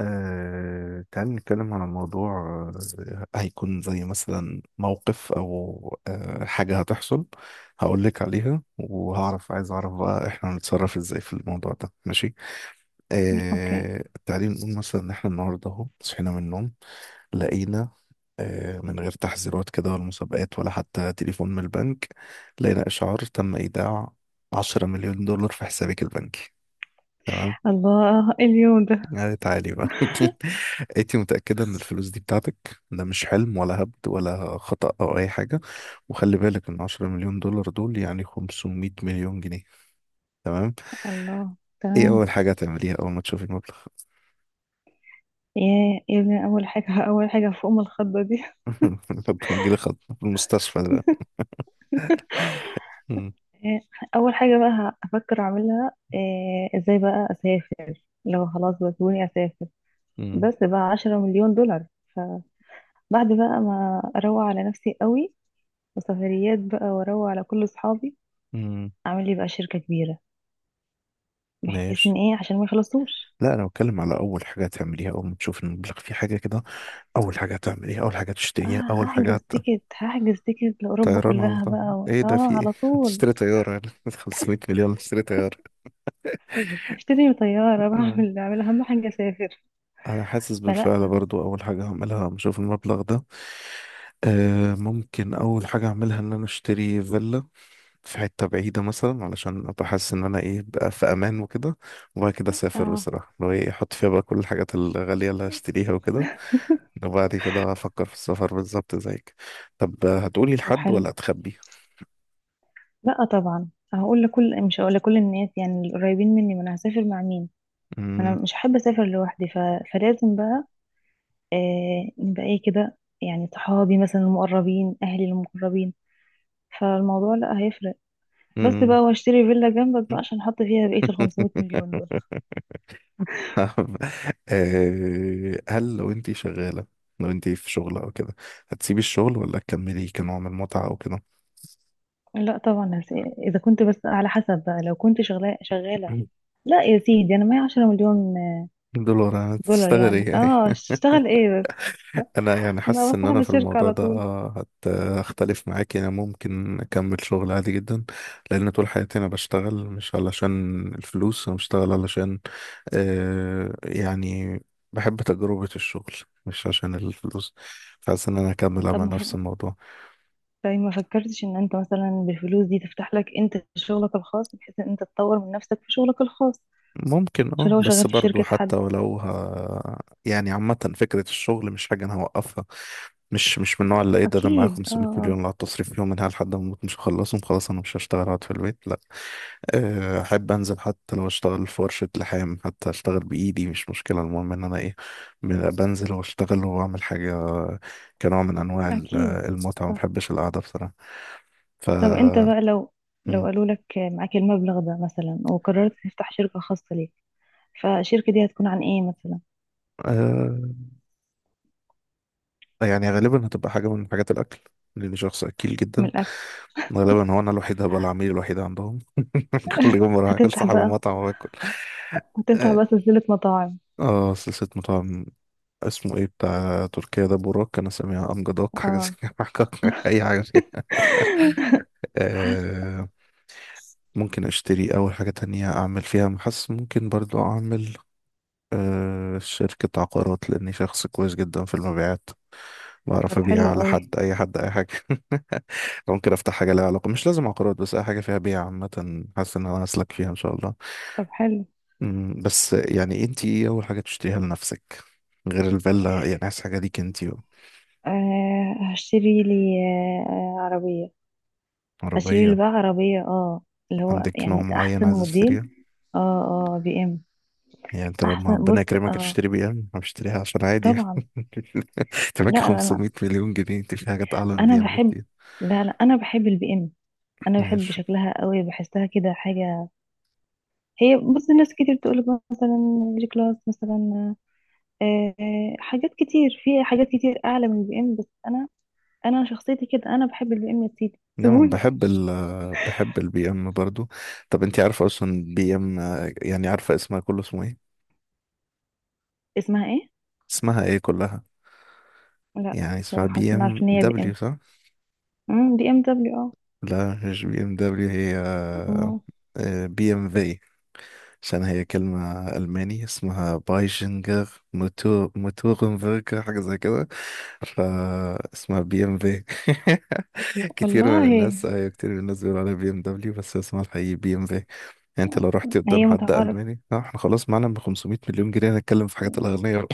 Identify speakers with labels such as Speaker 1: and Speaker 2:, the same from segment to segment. Speaker 1: تعال نتكلم على موضوع، هيكون زي مثلا موقف أو حاجة هتحصل هقولك عليها، وهعرف عايز أعرف بقى إحنا هنتصرف إزاي في الموضوع ده، ماشي؟
Speaker 2: اوكي.
Speaker 1: تعالي نقول مثلا إن إحنا النهاردة أهو صحينا من النوم لقينا، من غير تحذيرات كده ولا مسابقات ولا حتى تليفون من البنك، لقينا إشعار تم إيداع 10 مليون دولار في حسابك البنكي. تمام.
Speaker 2: الله، إيه اليوم ده؟
Speaker 1: يعني تعالي بقى انت متأكدة ان الفلوس دي بتاعتك، ده مش حلم ولا هبد ولا خطأ او اي حاجة. وخلي بالك ان 10 مليون دولار دول يعني 500 مليون جنيه. تمام؟
Speaker 2: الله،
Speaker 1: ايه
Speaker 2: تمام.
Speaker 1: اول حاجة هتعمليها اول ما تشوفي المبلغ؟
Speaker 2: يا ابني، اول حاجه فوق ام الخضه دي.
Speaker 1: بنجيلي خط في المستشفى ده. مم.
Speaker 2: إيه، اول حاجه بقى هفكر اعملها إيه، ازاي بقى اسافر لو خلاص بسوني اسافر.
Speaker 1: مم.
Speaker 2: بس بقى 10 مليون دولار، فبعد بقى ما اروق على نفسي قوي وسفريات بقى، واروق على كل اصحابي،
Speaker 1: مم.
Speaker 2: اعمل لي بقى شركه كبيره بحيث
Speaker 1: ماشي.
Speaker 2: ان ايه عشان ما يخلصوش.
Speaker 1: لا انا بتكلم على اول حاجة هتعمليها اول ما تشوفي المبلغ، في حاجة كده؟ اول حاجة هتعمليها، اول حاجة تشتريها، اول
Speaker 2: اه،
Speaker 1: حاجة
Speaker 2: هحجز تيكت هحجز تيكت لاوروبا
Speaker 1: طيران على
Speaker 2: كلها
Speaker 1: طول؟
Speaker 2: بقى، و...
Speaker 1: ايه ده،
Speaker 2: اه
Speaker 1: في ايه؟
Speaker 2: على طول.
Speaker 1: تشتري طيارة؟ 500 مليون، تشتري؟
Speaker 2: اشتري طيارة
Speaker 1: آه.
Speaker 2: بعمل اهم حاجة اسافر.
Speaker 1: انا حاسس
Speaker 2: فلا.
Speaker 1: بالفعل برضو اول حاجة هعملها لما اشوف المبلغ ده، آه ممكن اول حاجة اعملها ان انا اشتري فيلا في حتة بعيدة مثلا، علشان ابقى حاسس ان انا ايه بقى، في امان وكده. وبعد كده اسافر
Speaker 2: اه،
Speaker 1: بصراحة، لو ايه احط فيها بقى كل الحاجات الغالية اللي هشتريها وكده. وبعد كده افكر في السفر بالظبط زيك. طب هتقولي
Speaker 2: طب
Speaker 1: لحد
Speaker 2: حلو.
Speaker 1: ولا هتخبي؟
Speaker 2: لا طبعا، هقول لكل مش هقول لكل الناس، يعني القريبين مني، ما انا هسافر مع مين؟ انا
Speaker 1: مم.
Speaker 2: مش هحب اسافر لوحدي، فلازم بقى نبقى ايه كده، يعني صحابي مثلا المقربين، اهلي المقربين، فالموضوع لا هيفرق. بس بقى، واشتري فيلا جنبك بقى
Speaker 1: مم.
Speaker 2: عشان احط فيها بقية ال 500 مليون دول.
Speaker 1: فاهم؟ هل لو انتي شغالة، لو انتي في شغل او كده، هتسيبي الشغل ولا تكملي كنوع من المتعة او كده؟
Speaker 2: لا طبعا، اذا كنت، بس على حسب بقى لو كنت شغاله شغاله. لا يا سيدي، انا معايا 10 مليون
Speaker 1: دولار، انا
Speaker 2: دولار،
Speaker 1: تشتغل ايه
Speaker 2: يعني
Speaker 1: يعني؟
Speaker 2: اه، اشتغل ايه بس؟
Speaker 1: انا يعني
Speaker 2: انا
Speaker 1: حاسس
Speaker 2: بس
Speaker 1: ان انا
Speaker 2: صاحب
Speaker 1: في
Speaker 2: الشركة
Speaker 1: الموضوع
Speaker 2: على
Speaker 1: ده
Speaker 2: طول.
Speaker 1: هختلف معاك. يعني ممكن اكمل شغل عادي جدا، لان طول حياتي انا بشتغل مش علشان الفلوس، انا بشتغل علشان يعني بحب تجربة الشغل مش عشان الفلوس. فحاسس ان انا هكمل
Speaker 2: طب
Speaker 1: اعمل
Speaker 2: ما
Speaker 1: نفس
Speaker 2: ف-
Speaker 1: الموضوع.
Speaker 2: طيب ما فكرتش ان انت مثلا بالفلوس دي تفتح لك انت شغلك الخاص، بحيث ان انت تطور من نفسك في شغلك الخاص،
Speaker 1: ممكن
Speaker 2: مش اللي
Speaker 1: اه،
Speaker 2: هو
Speaker 1: بس
Speaker 2: شغال في
Speaker 1: برضو
Speaker 2: شركة حد؟
Speaker 1: حتى ولو ها يعني، عامة فكرة الشغل مش حاجة انا هوقفها. مش من النوع اللي ايه ده معايا
Speaker 2: اكيد، اه
Speaker 1: 500
Speaker 2: اه.
Speaker 1: مليون اللي هتصرف فيهم منها لحد ما اموت، مش هخلصهم، خلاص انا مش هشتغل اقعد في البيت؟ لا. احب انزل حتى لو اشتغل في ورشة لحام، حتى اشتغل بايدي مش مشكلة، المهم ان انا ايه، بنزل واشتغل واعمل حاجة كنوع من انواع
Speaker 2: اكيد،
Speaker 1: المتعة. ما
Speaker 2: صح.
Speaker 1: بحبش القعدة بصراحة. ف،
Speaker 2: طب انت بقى لو
Speaker 1: مم.
Speaker 2: قالوا لك معاك المبلغ ده مثلا وقررت تفتح شركة خاصة ليك، فالشركة دي هتكون عن ايه مثلا؟
Speaker 1: آه، يعني غالبا هتبقى حاجة من حاجات الاكل، لاني شخص اكيل
Speaker 2: من
Speaker 1: جدا.
Speaker 2: الاكل.
Speaker 1: غالبا هو انا الوحيد هبقى العميل الوحيد عندهم كل يوم بروح اكل،
Speaker 2: هتفتح
Speaker 1: صاحب
Speaker 2: بقى
Speaker 1: المطعم واكل.
Speaker 2: هتفتح
Speaker 1: اه،
Speaker 2: بقى سلسلة مطاعم؟
Speaker 1: سلسلة مطاعم. اسمه ايه بتاع تركيا ده؟ بوراك؟ انا سامع امجدوك حاجة زي
Speaker 2: اه،
Speaker 1: كده اي حاجة فيها. آه، ممكن اشتري اول حاجة تانية اعمل فيها محس. ممكن برضو اعمل آه، شركة عقارات، لاني شخص كويس جدا في المبيعات. بعرف
Speaker 2: طب
Speaker 1: ابيع
Speaker 2: حلو
Speaker 1: على
Speaker 2: قوي.
Speaker 1: حد، اي حد اي حاجة. ممكن افتح حاجة لها علاقة، مش لازم عقارات، بس اي حاجة فيها بيع عامة، حاسس ان انا اسلك فيها ان شاء الله.
Speaker 2: طب حلو.
Speaker 1: مم، بس يعني انت ايه اول حاجة تشتريها لنفسك غير الفيلا؟ يعني عايز حاجة ليك انت بقى.
Speaker 2: آه، هشتري لي، عربية. هشتري لي
Speaker 1: عربية؟
Speaker 2: بقى عربية، اه، اللي هو
Speaker 1: عندك نوع
Speaker 2: يعني
Speaker 1: معين
Speaker 2: أحسن
Speaker 1: عايز تشتريها؟
Speaker 2: موديل. اه اه، بي ام.
Speaker 1: يعني انت لما
Speaker 2: أحسن
Speaker 1: ربنا
Speaker 2: بص،
Speaker 1: يكرمك
Speaker 2: اه،
Speaker 1: تشتري بي ام، انا بشتريها عشان عادي يعني؟
Speaker 2: طبعا.
Speaker 1: انت معاك
Speaker 2: لا لا، أنا،
Speaker 1: 500 مليون جنيه، انت في حاجات اعلى من
Speaker 2: أنا
Speaker 1: البي ام
Speaker 2: بحب،
Speaker 1: بكتير.
Speaker 2: لا لا، أنا بحب البي ام. أنا بحب
Speaker 1: ماشي.
Speaker 2: شكلها قوي، بحسها كده حاجة. هي بص، ناس كتير تقولك مثلا جي كلاس مثلا، حاجات كتير، في حاجات كتير أعلى من البي ام، بس أنا، أنا شخصيتي كده، أنا بحب البي ام، يا سيدي
Speaker 1: نعم،
Speaker 2: سيبوني.
Speaker 1: بحب ال، بحب البي ام برضو. طب انت عارفة اصلا بي ام يعني، عارفة اسمها كله اسمه ايه؟
Speaker 2: اسمها ايه؟
Speaker 1: اسمها ايه كلها؟
Speaker 2: لا
Speaker 1: يعني اسمها
Speaker 2: بصراحة، بس
Speaker 1: بي
Speaker 2: أنا عارفة
Speaker 1: ام
Speaker 2: إن هي بي
Speaker 1: دبليو،
Speaker 2: ام.
Speaker 1: صح؟
Speaker 2: بي ام دبليو، اه.
Speaker 1: لا، مش بي ام دبليو، هي
Speaker 2: أما-
Speaker 1: بي ام في. عشان هي كلمة ألماني، اسمها بايجنجر موتور موتورنبرجر حاجة زي كده، فاسمها بي ام في. كتير
Speaker 2: والله.
Speaker 1: من الناس، أيوة كتير من الناس بيقولوا عليها بي ام دبليو، بس اسمها الحقيقي بي ام في يعني. انت لو رحت قدام
Speaker 2: هي
Speaker 1: حد
Speaker 2: متعارف.
Speaker 1: ألماني، اه احنا خلاص معانا ب 500 مليون جنيه، هنتكلم في حاجات الأغنية بقى.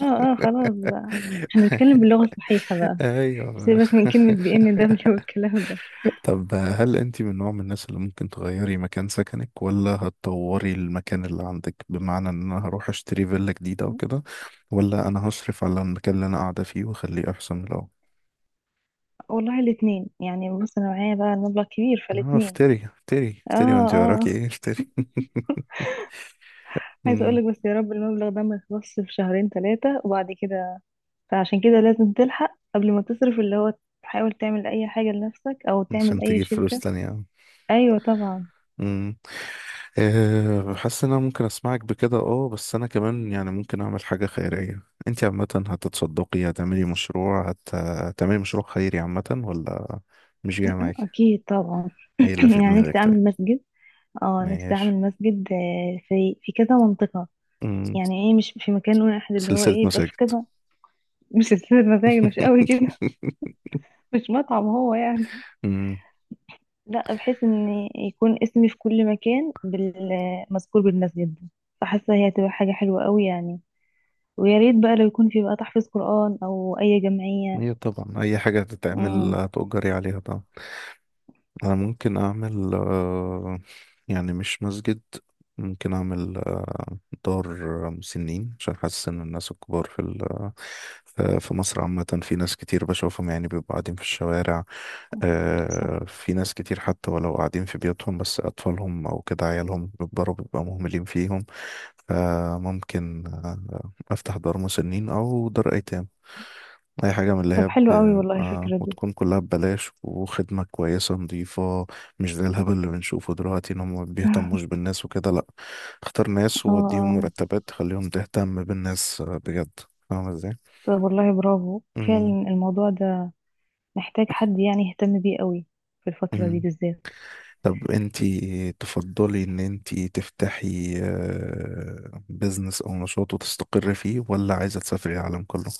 Speaker 2: اه اه، خلاص بقى، احنا نتكلم باللغة الصحيحة بقى.
Speaker 1: ايوه.
Speaker 2: سيبك من كلمة بي ام دبليو والكلام ده.
Speaker 1: طب هل انت من نوع من الناس اللي ممكن تغيري مكان سكنك، ولا هتطوري المكان اللي عندك؟ بمعنى ان انا هروح اشتري فيلا جديدة وكده، ولا انا هصرف على المكان اللي انا قاعدة فيه واخليه احسن من الاول؟
Speaker 2: والله الاتنين يعني، بص انا معايا بقى المبلغ كبير،
Speaker 1: اه
Speaker 2: فالاتنين.
Speaker 1: افتري افتري
Speaker 2: اه
Speaker 1: افتري، وانت وراكي
Speaker 2: اه.
Speaker 1: ايه، افتري.
Speaker 2: عايزة
Speaker 1: مم.
Speaker 2: اقولك، بس يا رب المبلغ ده ما يخلصش في شهرين ثلاثة وبعد كده، فعشان كده لازم تلحق قبل ما تصرف اللي هو، تحاول تعمل اي حاجة لنفسك او تعمل
Speaker 1: عشان
Speaker 2: اي
Speaker 1: تجيب فلوس
Speaker 2: شركة.
Speaker 1: تانية.
Speaker 2: ايوه طبعا.
Speaker 1: امم. أه حاسس ان انا ممكن اسمعك بكده اه، بس انا كمان يعني ممكن اعمل حاجة خيرية. انت عامة هتتصدقي، هتعملي مشروع خيري عامة ولا مش جاية معاكي؟
Speaker 2: اكيد طبعا.
Speaker 1: ايه اللي في
Speaker 2: يعني
Speaker 1: دماغك
Speaker 2: نفسي
Speaker 1: طيب؟
Speaker 2: اعمل مسجد. اه، نفسي
Speaker 1: ماشي.
Speaker 2: اعمل مسجد، في كذا منطقة،
Speaker 1: مم.
Speaker 2: يعني ايه؟ مش في مكان واحد، اللي هو
Speaker 1: سلسلة
Speaker 2: ايه، يبقى في
Speaker 1: مساجد؟
Speaker 2: كذا. مش هتسافر؟ مزاج مش قوي كده. مش مطعم هو يعني.
Speaker 1: مم.
Speaker 2: لا، بحيث ان يكون اسمي في كل مكان، مذكور بالمسجد ده، فحاسة هي هتبقى حاجة حلوة قوي يعني. ويا ريت بقى لو يكون في بقى تحفيظ قرآن او اي جمعية.
Speaker 1: هي طبعا اي حاجة هتتعمل
Speaker 2: امم.
Speaker 1: هتؤجري عليها طبعا. انا ممكن اعمل آه، يعني مش مسجد، ممكن اعمل آه، دار مسنين. عشان حاسس ان الناس الكبار في في في مصر عامة، في ناس كتير بشوفهم يعني بيبقوا قاعدين في الشوارع.
Speaker 2: صح.
Speaker 1: في ناس كتير حتى ولو قاعدين في بيوتهم، بس اطفالهم او كده عيالهم بيكبروا بيبقى مهملين فيهم. فممكن أفتح دار مسنين أو دار أيتام، أي حاجة من اللي
Speaker 2: طب
Speaker 1: هي
Speaker 2: حلو قوي
Speaker 1: ب...
Speaker 2: والله
Speaker 1: آه،
Speaker 2: الفكرة دي.
Speaker 1: وتكون كلها ببلاش وخدمة كويسة نظيفة. مش زي الهبل اللي بنشوفه دلوقتي إن هم ما بيهتموش بالناس وكده، لأ. اختار ناس
Speaker 2: اه
Speaker 1: ووديهم
Speaker 2: اه.
Speaker 1: مرتبات تخليهم تهتم بالناس بجد. فاهمة إزاي؟
Speaker 2: طب والله برافو.
Speaker 1: مم.
Speaker 2: فعلا الموضوع ده محتاج حد يعني يهتم بيه قوي في الفترة دي
Speaker 1: مم.
Speaker 2: بالذات.
Speaker 1: طب انتي تفضلي ان انتي تفتحي بزنس او نشاط وتستقري فيه، ولا عايزة تسافري العالم كله؟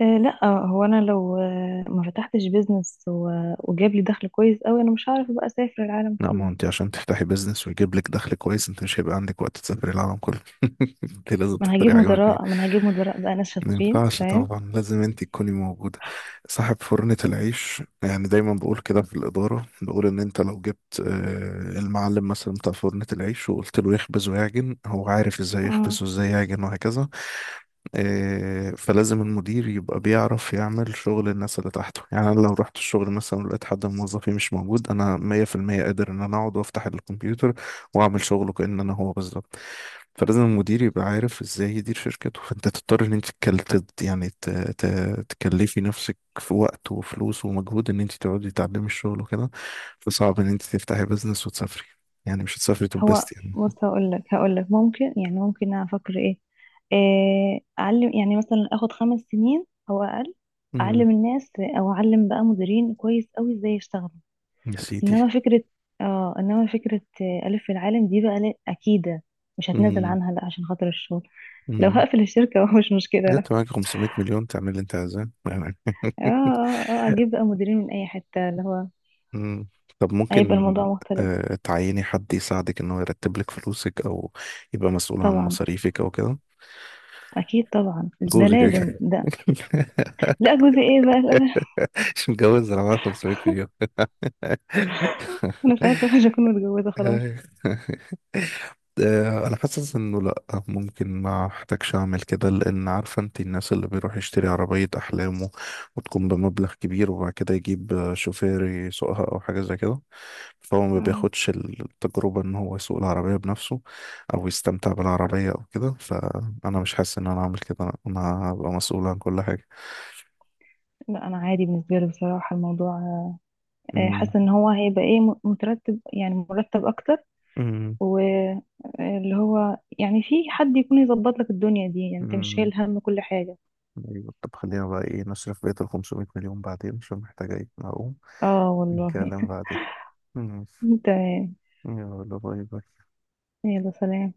Speaker 2: أه لا، هو انا لو ما فتحتش بيزنس وجاب لي دخل كويس قوي، انا مش هعرف بقى اسافر العالم
Speaker 1: لا ما
Speaker 2: كله.
Speaker 1: هو انت عشان تفتحي بيزنس ويجيب لك دخل كويس، انت مش هيبقى عندك وقت تسافري العالم كله. انت لازم
Speaker 2: ما انا
Speaker 1: تختاري
Speaker 2: هجيب
Speaker 1: حاجه من الاتنين.
Speaker 2: مدراء ما انا هجيب مدراء بقى ناس
Speaker 1: ما
Speaker 2: شاطرين
Speaker 1: ينفعش،
Speaker 2: تمام.
Speaker 1: طبعا لازم انت تكوني موجودة. صاحب فرنة العيش يعني، دايما بقول كده في الإدارة، بقول إن انت لو جبت المعلم مثلا بتاع فرنة العيش وقلت له يخبز ويعجن، هو عارف ازاي يخبز
Speaker 2: امم.
Speaker 1: وازاي يعجن وهكذا. فلازم المدير يبقى بيعرف يعمل شغل الناس اللي تحته، يعني أنا واعمل شغله كأن انا هو بالظبط. فلازم المدير يبقى عارف ازاي يدير شركته، فانت تضطر ان انت تكلفي نفسك في وقت وفلوس ومجهود، ان انت تقعدي تتعلمي الشغل وكده. فصعب ان انت تفتحي بزنس وتسافري، يعني مش هتسافري
Speaker 2: هو
Speaker 1: تنبسطي يعني.
Speaker 2: بص، هقول لك ممكن، يعني ممكن أنا افكر ايه، اعلم، يعني مثلا اخد 5 سنين او اقل
Speaker 1: امم.
Speaker 2: اعلم الناس، او اعلم بقى مديرين كويس قوي ازاي يشتغلوا.
Speaker 1: يا سيدي.
Speaker 2: انما فكرة، اه، انما فكرة ألف في العالم دي بقى، لا أكيدة، مش هتنازل
Speaker 1: امم.
Speaker 2: عنها لا عشان خاطر الشغل. لو
Speaker 1: امم.
Speaker 2: هقفل الشركة هو مش مشكلة، لا.
Speaker 1: جت معاك 500 مليون، تعمل اللي انت عايزاه يعني.
Speaker 2: اه اه اه، اجيب بقى مديرين من اي حتة، اللي هو
Speaker 1: مم. طب
Speaker 2: هيبقى
Speaker 1: ممكن
Speaker 2: الموضوع مختلف.
Speaker 1: تعيني حد يساعدك ان هو يرتب لك فلوسك، او يبقى مسؤول عن
Speaker 2: طبعا،
Speaker 1: مصاريفك او كده؟
Speaker 2: اكيد طبعا، ده
Speaker 1: جوزي كده
Speaker 2: لازم
Speaker 1: كده.
Speaker 2: ده. لا جوزي ايه بقى، لا لا.
Speaker 1: مش متجوز، انا معايا 500 مليون.
Speaker 2: انا ساعتها مش هكون متجوزة خلاص.
Speaker 1: انا حاسس انه لا، ممكن ما احتاجش اعمل كده، لان عارفه انت الناس اللي بيروح يشتري عربيه احلامه وتكون بمبلغ كبير، وبعد كده يجيب شوفير يسوقها او حاجه زي كده، فهو ما
Speaker 2: مم.
Speaker 1: بياخدش التجربه ان هو يسوق العربيه بنفسه او يستمتع بالعربيه او كده. فانا مش حاسس ان انا اعمل كده، انا هبقى مسؤول عن كل حاجه.
Speaker 2: لا انا عادي بالنسبة لي بصراحة الموضوع،
Speaker 1: امم.
Speaker 2: حاسة ان هو هيبقى ايه، مترتب، يعني مرتب اكتر، واللي هو يعني في حد يكون يظبط لك الدنيا دي، يعني انت مش
Speaker 1: امم.
Speaker 2: شايل هم كل حاجة.
Speaker 1: ايوه طب، خلينا بقى ايه نصرف بقية ال 500 مليون بعدين، عشان محتاجة ايه اقوم
Speaker 2: اه والله.
Speaker 1: الكلام بعدين. ماشي.
Speaker 2: تمام.
Speaker 1: يلا باي باي.
Speaker 2: يلا سلام.